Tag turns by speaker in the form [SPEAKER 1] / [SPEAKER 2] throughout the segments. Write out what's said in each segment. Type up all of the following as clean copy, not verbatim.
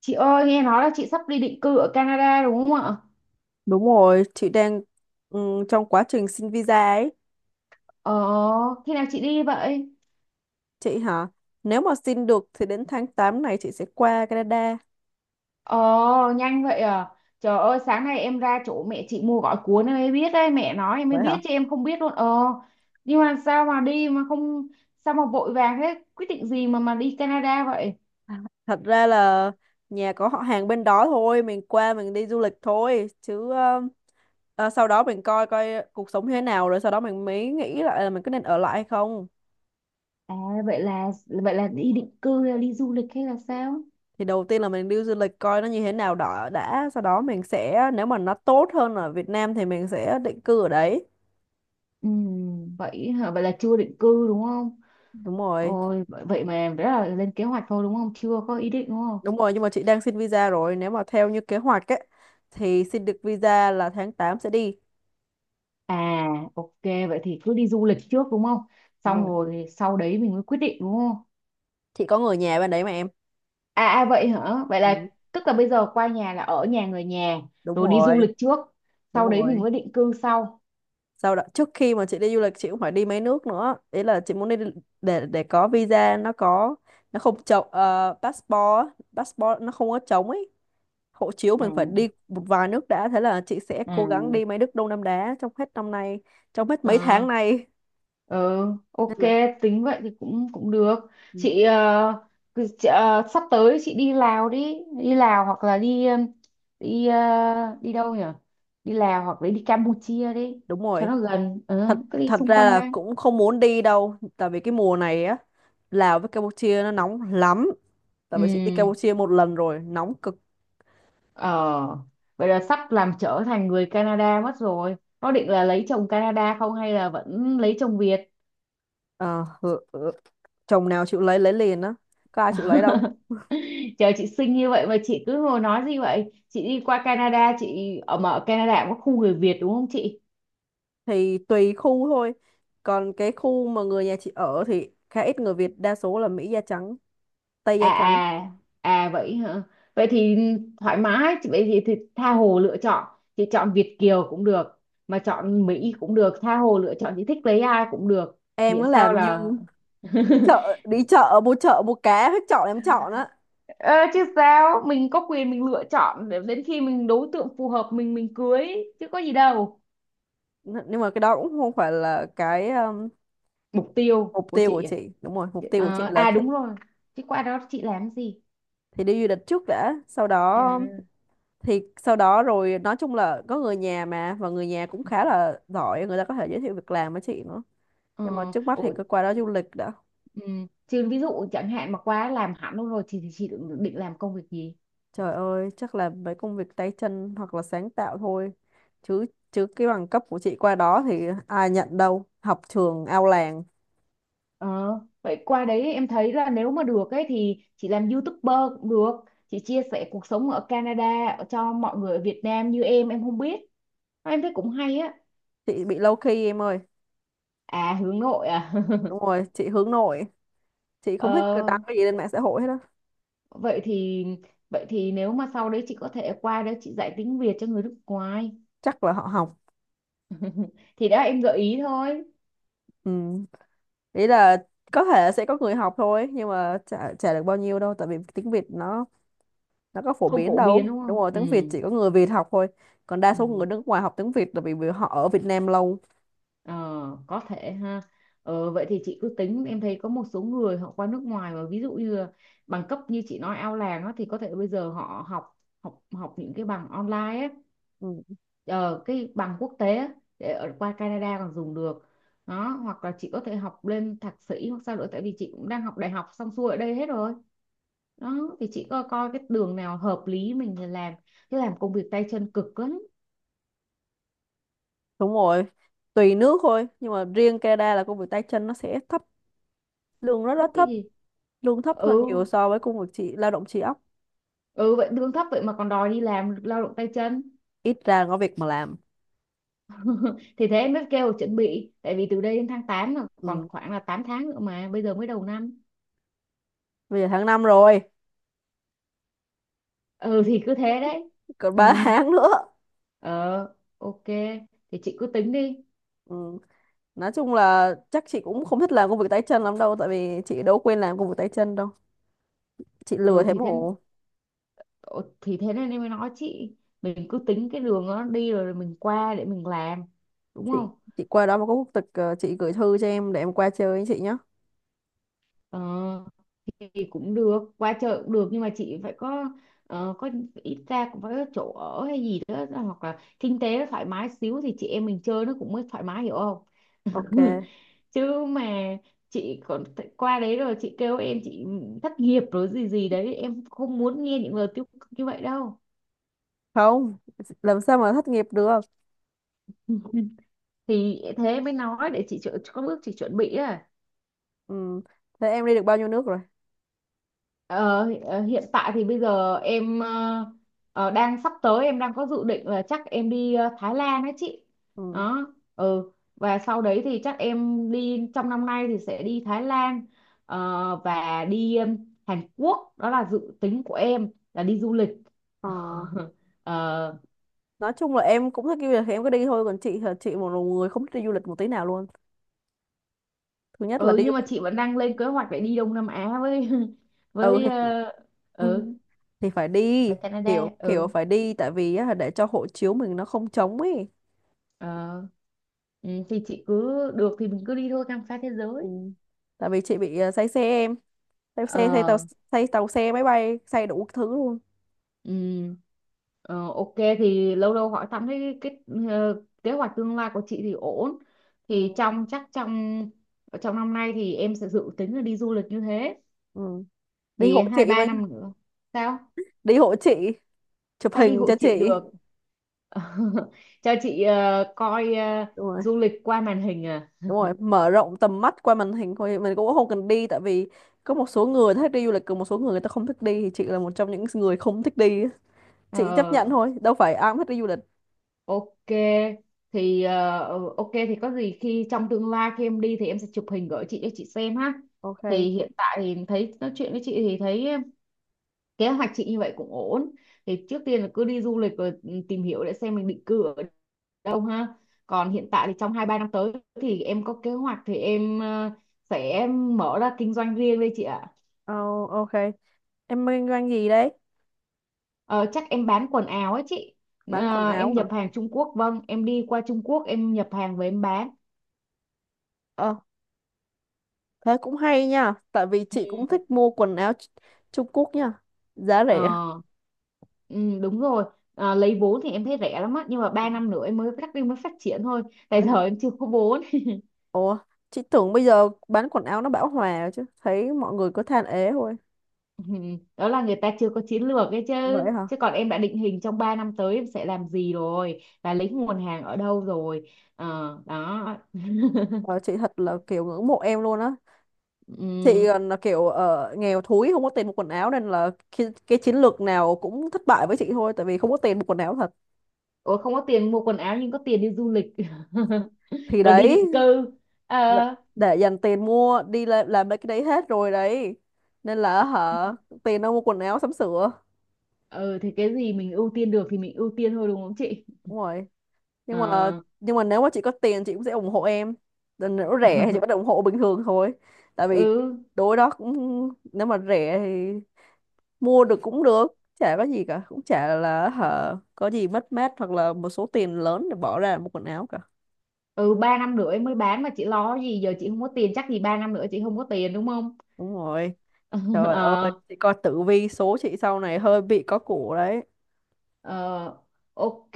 [SPEAKER 1] Chị ơi, nghe nói là chị sắp đi định cư ở Canada đúng không ạ?
[SPEAKER 2] Đúng rồi, chị đang trong quá trình xin visa ấy.
[SPEAKER 1] Ờ, Khi nào chị đi vậy?
[SPEAKER 2] Chị hả? Nếu mà xin được thì đến tháng 8 này chị sẽ qua Canada.
[SPEAKER 1] Ờ, Nhanh vậy à? Trời ơi, sáng nay em ra chỗ mẹ chị mua gói cuốn em mới biết đấy, mẹ nói em mới
[SPEAKER 2] Vậy hả?
[SPEAKER 1] biết chứ em không biết luôn. Ờ, nhưng mà sao mà đi mà không, sao mà vội vàng thế? Quyết định gì mà đi Canada vậy?
[SPEAKER 2] Thật ra là nhà có họ hàng bên đó thôi, mình qua mình đi du lịch thôi. Chứ sau đó mình coi coi cuộc sống như thế nào rồi sau đó mình mới nghĩ lại là mình có nên ở lại hay không.
[SPEAKER 1] À, vậy là vậy là đi định cư hay là đi du lịch hay là sao?
[SPEAKER 2] Thì đầu tiên là mình đi du lịch coi nó như thế nào đó đã. Sau đó mình sẽ, nếu mà nó tốt hơn ở Việt Nam thì mình sẽ định cư ở đấy.
[SPEAKER 1] Ừ, vậy hả? Vậy là chưa định cư đúng không?
[SPEAKER 2] Đúng rồi.
[SPEAKER 1] Ôi, vậy vậy mà đó là lên kế hoạch thôi đúng không? Chưa có ý định đúng không?
[SPEAKER 2] Đúng rồi, nhưng mà chị đang xin visa rồi. Nếu mà theo như kế hoạch ấy, thì xin được visa là tháng 8 sẽ đi.
[SPEAKER 1] À, ok, vậy thì cứ đi du lịch trước đúng không?
[SPEAKER 2] Đúng
[SPEAKER 1] Xong
[SPEAKER 2] rồi.
[SPEAKER 1] rồi thì sau đấy mình mới quyết định đúng không?
[SPEAKER 2] Chị có người nhà bên đấy mà em.
[SPEAKER 1] À, vậy hả? Vậy
[SPEAKER 2] Ừ,
[SPEAKER 1] là tức là bây giờ qua nhà là ở nhà người nhà,
[SPEAKER 2] đúng
[SPEAKER 1] rồi đi du
[SPEAKER 2] rồi,
[SPEAKER 1] lịch trước,
[SPEAKER 2] đúng
[SPEAKER 1] sau đấy mình
[SPEAKER 2] rồi.
[SPEAKER 1] mới định cư sau.
[SPEAKER 2] Sau đó, trước khi mà chị đi du lịch, chị cũng phải đi mấy nước nữa. Ý là chị muốn đi để có visa, nó không trống, passport nó không có trống ấy. Hộ chiếu
[SPEAKER 1] Ừ.
[SPEAKER 2] mình phải đi một vài nước đã. Thế là chị sẽ
[SPEAKER 1] Ừ.
[SPEAKER 2] cố gắng đi mấy nước Đông Nam Á trong hết năm nay, trong hết mấy
[SPEAKER 1] Ờ,
[SPEAKER 2] tháng này.
[SPEAKER 1] ờ,
[SPEAKER 2] Nên
[SPEAKER 1] ok,
[SPEAKER 2] là,
[SPEAKER 1] tính vậy thì cũng cũng được.
[SPEAKER 2] ừ,
[SPEAKER 1] Chị, ờ, chị, sắp tới chị đi Lào đi, đi Lào hoặc là đi ờ, đi đâu nhỉ? Đi Lào hoặc là đi Campuchia đi,
[SPEAKER 2] đúng
[SPEAKER 1] cho
[SPEAKER 2] rồi.
[SPEAKER 1] nó gần. Ờ,
[SPEAKER 2] Thật
[SPEAKER 1] Cứ đi
[SPEAKER 2] thật
[SPEAKER 1] xung
[SPEAKER 2] ra
[SPEAKER 1] quanh
[SPEAKER 2] là
[SPEAKER 1] đây.
[SPEAKER 2] cũng không muốn đi đâu, tại vì cái mùa này á, Lào với Campuchia nó nóng lắm, tại
[SPEAKER 1] Ừ,
[SPEAKER 2] vì chị đi Campuchia một lần rồi nóng cực.
[SPEAKER 1] ờ, vậy là sắp làm trở thành người Canada mất rồi. Có định là lấy chồng Canada không hay là vẫn lấy chồng Việt?
[SPEAKER 2] Ờ, ừ, ừ, chồng nào chịu lấy liền á, có ai chịu lấy đâu.
[SPEAKER 1] Chờ chị xinh như vậy mà chị cứ ngồi nói gì vậy? Chị đi qua Canada, chị ở Canada cũng có khu người Việt đúng không chị?
[SPEAKER 2] Thì tùy khu thôi, còn cái khu mà người nhà chị ở thì khá ít người Việt, đa số là Mỹ da trắng, Tây da
[SPEAKER 1] À
[SPEAKER 2] trắng.
[SPEAKER 1] à, à, vậy hả? Vậy thì thoải mái, chị vậy thì tha hồ lựa chọn. Chị chọn Việt kiều cũng được, mà chọn Mỹ cũng được, tha hồ lựa chọn chị thích lấy ai cũng được,
[SPEAKER 2] Em
[SPEAKER 1] miễn
[SPEAKER 2] nó
[SPEAKER 1] sao
[SPEAKER 2] làm như
[SPEAKER 1] là
[SPEAKER 2] chợ đi chợ mua, chợ mua cá hết chọn em chọn á.
[SPEAKER 1] Ờ, chứ sao mình có quyền mình lựa chọn để đến khi mình đối tượng phù hợp mình cưới chứ có gì đâu.
[SPEAKER 2] Nhưng mà cái đó cũng không phải là cái
[SPEAKER 1] Mục tiêu
[SPEAKER 2] mục
[SPEAKER 1] của
[SPEAKER 2] tiêu của
[SPEAKER 1] chị à?
[SPEAKER 2] chị. Đúng rồi, mục tiêu của chị là
[SPEAKER 1] À, đúng rồi, chứ qua đó chị làm gì?
[SPEAKER 2] thì đi du lịch trước đã, sau đó
[SPEAKER 1] À.
[SPEAKER 2] thì sau đó rồi nói chung là có người nhà mà, và người nhà cũng khá
[SPEAKER 1] Ừ.
[SPEAKER 2] là giỏi, người ta có thể giới thiệu việc làm với chị nữa. Nhưng mà
[SPEAKER 1] Ờ,
[SPEAKER 2] trước mắt thì
[SPEAKER 1] ủa,
[SPEAKER 2] cứ qua đó du lịch đã.
[SPEAKER 1] ừ. Chứ ví dụ chẳng hạn mà qua làm hẳn luôn rồi thì chị định làm công việc gì?
[SPEAKER 2] Trời ơi, chắc là mấy công việc tay chân hoặc là sáng tạo thôi, chứ chứ cái bằng cấp của chị qua đó thì ai nhận đâu, học trường ao làng.
[SPEAKER 1] ờ, Vậy qua đấy em thấy là nếu mà được ấy thì chị làm YouTuber cũng được, chị chia sẻ cuộc sống ở Canada cho mọi người ở Việt Nam như em không biết, em thấy cũng hay á.
[SPEAKER 2] Chị bị low key em ơi.
[SPEAKER 1] À hướng nội à?
[SPEAKER 2] Đúng rồi, chị hướng nội, chị không thích
[SPEAKER 1] Ờ,
[SPEAKER 2] đăng cái gì lên mạng xã hội hết á.
[SPEAKER 1] vậy thì vậy thì nếu mà sau đấy chị có thể qua đấy chị dạy tiếng Việt cho người nước ngoài.
[SPEAKER 2] Chắc là họ học.
[SPEAKER 1] Thì đó em gợi ý thôi,
[SPEAKER 2] Ừ. Nghĩ là có thể sẽ có người học thôi, nhưng mà chả được bao nhiêu đâu, tại vì tiếng Việt nó có phổ
[SPEAKER 1] không
[SPEAKER 2] biến
[SPEAKER 1] phổ biến
[SPEAKER 2] đâu.
[SPEAKER 1] đúng
[SPEAKER 2] Đúng
[SPEAKER 1] không?
[SPEAKER 2] rồi,
[SPEAKER 1] Ừ,
[SPEAKER 2] tiếng Việt chỉ có người Việt học thôi. Còn đa số người
[SPEAKER 1] ừ.
[SPEAKER 2] nước ngoài học tiếng Việt là vì vì họ ở Việt Nam lâu.
[SPEAKER 1] Ờ, có thể ha. Vậy thì chị cứ tính, em thấy có một số người họ qua nước ngoài mà ví dụ như là bằng cấp như chị nói ao làng á, thì có thể bây giờ họ học học học những cái bằng online ấy,
[SPEAKER 2] Ừ,
[SPEAKER 1] ờ, cái bằng quốc tế á, để ở qua Canada còn dùng được đó, hoặc là chị có thể học lên thạc sĩ hoặc sao nữa tại vì chị cũng đang học đại học xong xuôi ở đây hết rồi, đó thì chị coi coi cái đường nào hợp lý mình thì làm, chứ làm công việc tay chân cực lắm.
[SPEAKER 2] đúng rồi. Tùy nước thôi, nhưng mà riêng Canada là công việc tay chân nó sẽ thấp, lương rất
[SPEAKER 1] Thấp
[SPEAKER 2] rất
[SPEAKER 1] cái
[SPEAKER 2] thấp,
[SPEAKER 1] gì?
[SPEAKER 2] lương thấp
[SPEAKER 1] Ừ.
[SPEAKER 2] hơn nhiều so với công việc chị lao động trí óc.
[SPEAKER 1] Ừ vậy lương thấp vậy mà còn đòi đi làm lao động tay chân.
[SPEAKER 2] Ít ra có việc mà làm.
[SPEAKER 1] Thì thế mới kêu là chuẩn bị tại vì từ đây đến tháng 8 là còn
[SPEAKER 2] Ừ.
[SPEAKER 1] khoảng là 8 tháng nữa mà bây giờ mới đầu năm.
[SPEAKER 2] Bây giờ tháng 5 rồi,
[SPEAKER 1] Ừ thì cứ thế đấy.
[SPEAKER 2] còn
[SPEAKER 1] Ừ.
[SPEAKER 2] 3 tháng nữa.
[SPEAKER 1] Ờ, ok. Thì chị cứ tính đi.
[SPEAKER 2] Ừ. Nói chung là chắc chị cũng không thích làm công việc tay chân lắm đâu, tại vì chị đâu quên làm công việc tay chân đâu, chị lừa
[SPEAKER 1] Ừ
[SPEAKER 2] thế
[SPEAKER 1] thì thế,
[SPEAKER 2] mổ.
[SPEAKER 1] ờ, thì thế nên em mới nói chị mình cứ tính cái đường nó đi rồi mình qua để mình làm, đúng
[SPEAKER 2] chị
[SPEAKER 1] không?
[SPEAKER 2] chị qua đó mà có quốc tịch, chị gửi thư cho em để em qua chơi với chị nhé.
[SPEAKER 1] Ờ thì cũng được, qua chợ cũng được nhưng mà chị phải có, có ít ra cũng phải có chỗ ở hay gì đó hoặc là kinh tế nó thoải mái xíu thì chị em mình chơi nó cũng mới thoải mái hiểu không?
[SPEAKER 2] Ok,
[SPEAKER 1] Chứ mà chị còn qua đấy rồi chị kêu em chị thất nghiệp rồi gì gì đấy em không muốn nghe những lời tiêu cực như vậy đâu.
[SPEAKER 2] không, làm sao mà thất nghiệp được.
[SPEAKER 1] Thì thế em mới nói để chị có bước chị chuẩn bị à.
[SPEAKER 2] Ừ. Thế em đi được bao nhiêu nước rồi?
[SPEAKER 1] Hiện tại thì bây giờ em đang sắp tới em đang có dự định là chắc em đi Thái Lan đấy chị,
[SPEAKER 2] Ừ.
[SPEAKER 1] đó, ừ, và sau đấy thì chắc em đi trong năm nay thì sẽ đi Thái Lan, và đi Hàn Quốc, đó là dự tính của em là đi du lịch.
[SPEAKER 2] Ờ.
[SPEAKER 1] ờ,
[SPEAKER 2] Nói chung là em cũng thích đi du lịch thì em cứ đi thôi, còn chị là chị một người không thích đi du lịch một tí nào luôn. Thứ nhất là
[SPEAKER 1] ừ
[SPEAKER 2] đi du
[SPEAKER 1] nhưng mà
[SPEAKER 2] lịch
[SPEAKER 1] chị vẫn đang lên kế hoạch để đi Đông Nam Á với
[SPEAKER 2] ừ
[SPEAKER 1] với
[SPEAKER 2] thì, ừ,
[SPEAKER 1] ừ
[SPEAKER 2] thì phải đi,
[SPEAKER 1] với
[SPEAKER 2] kiểu
[SPEAKER 1] Canada.
[SPEAKER 2] kiểu
[SPEAKER 1] Ừ.
[SPEAKER 2] phải đi tại vì á, để cho hộ chiếu mình nó không trống ấy.
[SPEAKER 1] Ờ, ừ, thì chị cứ được thì mình cứ đi thôi khám phá thế
[SPEAKER 2] Ừ.
[SPEAKER 1] giới.
[SPEAKER 2] Tại vì chị bị say xe em, say xe say tàu,
[SPEAKER 1] Ờ.
[SPEAKER 2] say tàu xe máy bay say đủ thứ luôn.
[SPEAKER 1] Ừ, ờ, ok thì lâu lâu hỏi thăm thấy cái kế hoạch tương lai của chị thì ổn, thì
[SPEAKER 2] Ừ.
[SPEAKER 1] trong chắc trong trong năm nay thì em sẽ dự tính là đi du lịch như thế,
[SPEAKER 2] Ừ. Đi
[SPEAKER 1] thì
[SPEAKER 2] hộ
[SPEAKER 1] hai
[SPEAKER 2] chị
[SPEAKER 1] ba
[SPEAKER 2] với,
[SPEAKER 1] năm nữa. Sao?
[SPEAKER 2] đi hộ chị, chụp
[SPEAKER 1] Sao đi
[SPEAKER 2] hình
[SPEAKER 1] hộ
[SPEAKER 2] cho
[SPEAKER 1] chị
[SPEAKER 2] chị.
[SPEAKER 1] được? Cho chị coi,
[SPEAKER 2] Đúng rồi,
[SPEAKER 1] du lịch qua màn hình à?
[SPEAKER 2] đúng rồi, mở rộng tầm mắt qua màn hình thôi, mình cũng không cần đi, tại vì có một số người thích đi du lịch, còn một số người, người ta không thích đi, thì chị là một trong những người không thích đi á. Chị chấp
[SPEAKER 1] Ờ,
[SPEAKER 2] nhận thôi, đâu phải ai cũng thích đi du lịch.
[SPEAKER 1] ok thì ừ, ok thì có gì khi trong tương lai khi em đi thì em sẽ chụp hình gửi chị cho chị xem ha.
[SPEAKER 2] Ok.
[SPEAKER 1] Thì hiện tại thì thấy nói chuyện với chị thì thấy kế hoạch chị như vậy cũng ổn. Thì trước tiên là cứ đi du lịch rồi ừ, tìm hiểu để xem mình định cư ở đâu ha. Còn hiện tại thì trong 2 3 năm tới thì em có kế hoạch thì em sẽ mở ra kinh doanh riêng đây chị ạ.
[SPEAKER 2] Oh, ok, em kinh doanh gì đấy?
[SPEAKER 1] Ờ, chắc em bán quần áo ấy chị.
[SPEAKER 2] Bán quần
[SPEAKER 1] Ờ, em
[SPEAKER 2] áo hả?
[SPEAKER 1] nhập hàng Trung Quốc vâng, em đi qua Trung Quốc em nhập hàng về em bán.
[SPEAKER 2] Ờ, thế cũng hay nha, tại vì chị
[SPEAKER 1] Ừ.
[SPEAKER 2] cũng thích mua quần áo Trung Quốc nha, giá rẻ.
[SPEAKER 1] Ờ, ừ, đúng rồi. À, lấy vốn thì em thấy rẻ lắm á nhưng mà
[SPEAKER 2] Ừ,
[SPEAKER 1] ba năm nữa em mới phát triển thôi tại
[SPEAKER 2] vậy hả?
[SPEAKER 1] giờ em chưa có vốn.
[SPEAKER 2] Ủa, chị tưởng bây giờ bán quần áo nó bão hòa chứ, thấy mọi người cứ than ế thôi.
[SPEAKER 1] Ừ, đó là người ta chưa có chiến lược ấy chứ,
[SPEAKER 2] Vậy hả?
[SPEAKER 1] chứ còn em đã định hình trong 3 năm tới em sẽ làm gì rồi và lấy nguồn hàng ở đâu rồi. Ờ, đó.
[SPEAKER 2] Ờ, chị thật là kiểu ngưỡng mộ em luôn á. Chị
[SPEAKER 1] Ừm.
[SPEAKER 2] còn là kiểu nghèo thúi không có tiền mua quần áo, nên là cái chiến lược nào cũng thất bại với chị thôi, tại vì không có tiền mua quần áo thật.
[SPEAKER 1] Ủa không có tiền mua quần áo nhưng có tiền đi du lịch
[SPEAKER 2] Thì
[SPEAKER 1] rồi đi
[SPEAKER 2] đấy,
[SPEAKER 1] định cư. Ờ,
[SPEAKER 2] là- để dành tiền mua đi làm mấy cái đấy hết rồi đấy. Nên là hả, tiền đâu mua quần áo sắm sửa.
[SPEAKER 1] ừ, thì cái gì mình ưu tiên được thì mình ưu tiên thôi đúng không chị?
[SPEAKER 2] Đúng rồi. nhưng mà
[SPEAKER 1] Ờ.
[SPEAKER 2] nhưng mà nếu mà chị có tiền chị cũng sẽ ủng hộ em. Còn nếu rẻ thì chị vẫn ủng hộ bình thường thôi, tại vì
[SPEAKER 1] Ừ.
[SPEAKER 2] đối đó cũng, nếu mà rẻ thì mua được cũng được, chả có gì cả, cũng chả là hả có gì mất mát hoặc là một số tiền lớn để bỏ ra một quần áo cả.
[SPEAKER 1] Ừ ba năm nữa em mới bán mà chị lo gì, giờ chị không có tiền chắc gì ba năm nữa chị không có tiền đúng không?
[SPEAKER 2] Đúng rồi. Trời ơi,
[SPEAKER 1] ờ,
[SPEAKER 2] chị coi tử vi số chị sau này hơi bị có củ đấy.
[SPEAKER 1] ờ, ok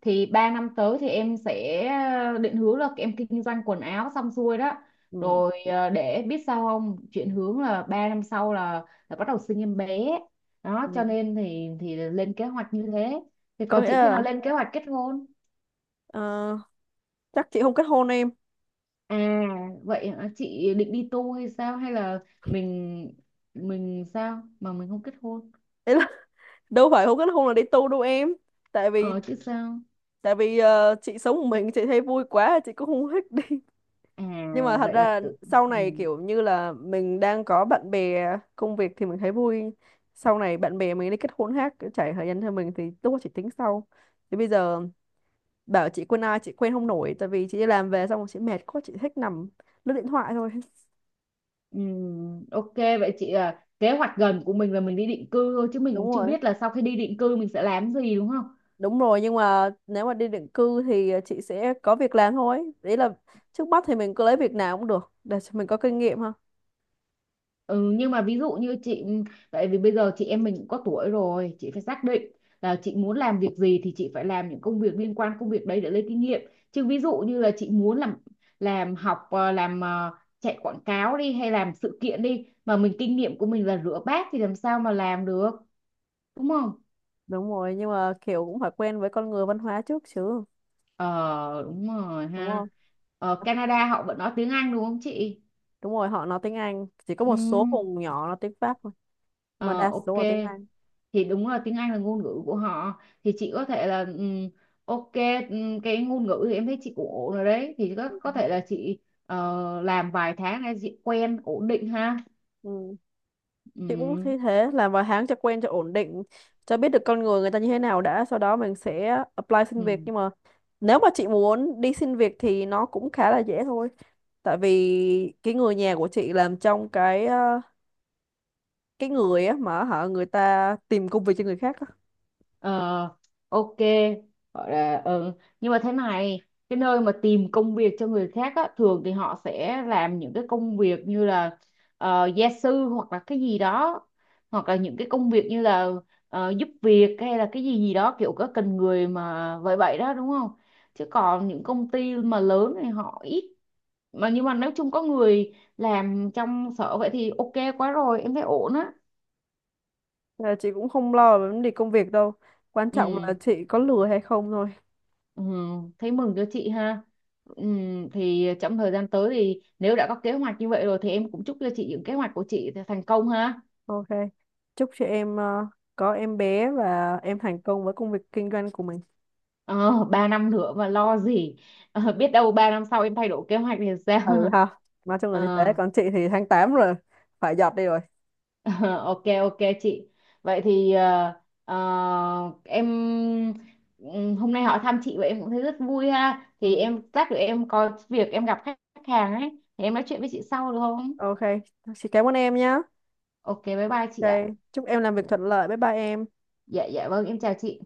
[SPEAKER 1] thì ba năm tới thì em sẽ định hướng là em kinh doanh quần áo xong xuôi đó,
[SPEAKER 2] Ừ.
[SPEAKER 1] rồi để biết sao không chuyển hướng là ba năm sau là bắt đầu sinh em bé, đó
[SPEAKER 2] Ừ.
[SPEAKER 1] cho nên thì lên kế hoạch như thế, thì
[SPEAKER 2] Có
[SPEAKER 1] còn
[SPEAKER 2] nghĩa
[SPEAKER 1] chị khi nào
[SPEAKER 2] là
[SPEAKER 1] lên kế hoạch kết hôn?
[SPEAKER 2] ờ, chắc chị không kết hôn em.
[SPEAKER 1] À vậy hả? Chị định đi tu hay sao hay là mình mình sao mà mình không kết hôn?
[SPEAKER 2] Ý là đâu phải không kết hôn là đi tu đâu em. tại vì
[SPEAKER 1] Ờ chứ sao?
[SPEAKER 2] tại vì chị sống một mình chị thấy vui quá, chị cũng không thích đi.
[SPEAKER 1] À
[SPEAKER 2] nhưng mà thật
[SPEAKER 1] vậy là
[SPEAKER 2] ra
[SPEAKER 1] tự.
[SPEAKER 2] sau
[SPEAKER 1] Ừ.
[SPEAKER 2] này kiểu như là mình đang có bạn bè, công việc thì mình thấy vui, sau này bạn bè mình đi kết hôn khác, trải thời gian theo mình thì lúc đó chị tính sau. Thì bây giờ bảo chị quen ai chị quen không nổi, tại vì chị đi làm về xong rồi chị mệt quá, chị thích nằm lướt điện thoại thôi.
[SPEAKER 1] Ừ. Ok vậy chị à, kế hoạch gần của mình là mình đi định cư thôi chứ mình
[SPEAKER 2] đúng
[SPEAKER 1] cũng chưa
[SPEAKER 2] rồi.
[SPEAKER 1] biết là sau khi đi định cư mình sẽ làm gì đúng không?
[SPEAKER 2] Đúng rồi, nhưng mà nếu mà đi định cư thì chị sẽ có việc làm thôi, đấy là trước mắt thì mình cứ lấy việc nào cũng được để cho mình có kinh nghiệm ha.
[SPEAKER 1] Ừ, nhưng mà ví dụ như chị ừ, tại vì bây giờ chị em mình cũng có tuổi rồi, chị phải xác định là chị muốn làm việc gì thì chị phải làm những công việc liên quan công việc đấy để lấy kinh nghiệm. Chứ ví dụ như là chị muốn làm, học làm chạy quảng cáo đi hay làm sự kiện đi mà mình kinh nghiệm của mình là rửa bát thì làm sao mà làm được, đúng không?
[SPEAKER 2] Đúng rồi, nhưng mà kiểu cũng phải quen với con người văn hóa trước chứ,
[SPEAKER 1] Ờ đúng rồi
[SPEAKER 2] đúng
[SPEAKER 1] ha.
[SPEAKER 2] không?
[SPEAKER 1] Ở Canada họ vẫn nói tiếng Anh đúng không chị?
[SPEAKER 2] Đúng rồi, họ nói tiếng Anh, chỉ có
[SPEAKER 1] Ừ.
[SPEAKER 2] một số vùng nhỏ nói tiếng Pháp thôi, mà
[SPEAKER 1] Ờ
[SPEAKER 2] đa
[SPEAKER 1] ok.
[SPEAKER 2] số là tiếng Anh.
[SPEAKER 1] Thì đúng là tiếng Anh là ngôn ngữ của họ. Thì chị có thể là ok, cái ngôn ngữ thì em thấy chị cũng ổn rồi đấy. Thì có
[SPEAKER 2] Ừ.
[SPEAKER 1] thể là chị làm vài tháng để chị quen ổn định ha.
[SPEAKER 2] Ừ. Chị cũng thấy thế, làm vài tháng cho quen cho ổn định, cho biết được con người người ta như thế nào đã, sau đó mình sẽ apply xin việc.
[SPEAKER 1] Ừ.
[SPEAKER 2] Nhưng mà nếu mà chị muốn đi xin việc thì nó cũng khá là dễ thôi, tại vì cái người nhà của chị làm trong cái cái người á mà hả người ta tìm công việc cho người khác á.
[SPEAKER 1] Ờ, ok gọi là ừ. Nhưng mà thế này, cái nơi mà tìm công việc cho người khác á, thường thì họ sẽ làm những cái công việc như là gia sư hoặc là cái gì đó, hoặc là những cái công việc như là giúp việc hay là cái gì gì đó kiểu có cần người mà vậy vậy đó đúng không? Chứ còn những công ty mà lớn thì họ ít. Mà nhưng mà nếu chung có người làm trong sở vậy thì ok quá rồi em thấy ổn á.
[SPEAKER 2] Ờ, chị cũng không lo về vấn đề công việc đâu. Quan trọng là
[SPEAKER 1] Ừ.
[SPEAKER 2] chị có lừa hay không thôi.
[SPEAKER 1] Ừ, thấy mừng cho chị ha. Ừ, thì trong thời gian tới thì nếu đã có kế hoạch như vậy rồi thì em cũng chúc cho chị những kế hoạch của chị thành công ha.
[SPEAKER 2] Ok. Chúc chị em có em bé và em thành công với công việc kinh doanh của mình.
[SPEAKER 1] Ờ, 3 năm nữa mà lo gì. Ờ, biết đâu 3 năm sau em thay đổi kế hoạch thì sao?
[SPEAKER 2] Ừ ha. Nói chung là
[SPEAKER 1] Ờ,
[SPEAKER 2] như thế. Còn chị thì tháng 8 rồi. Phải giọt đi rồi.
[SPEAKER 1] ok ok chị. Vậy thì em ừ, hôm nay hỏi thăm chị vậy em cũng thấy rất vui ha. Thì
[SPEAKER 2] Ừ.
[SPEAKER 1] em lát nữa em có việc em gặp khách khách hàng ấy thì em nói chuyện với chị sau được không?
[SPEAKER 2] Ok. Chị cảm ơn em nhá.
[SPEAKER 1] Ok bye bye chị
[SPEAKER 2] Ok.
[SPEAKER 1] ạ.
[SPEAKER 2] Chúc em làm việc thuận lợi. Bye bye em.
[SPEAKER 1] Dạ dạ vâng, em chào chị.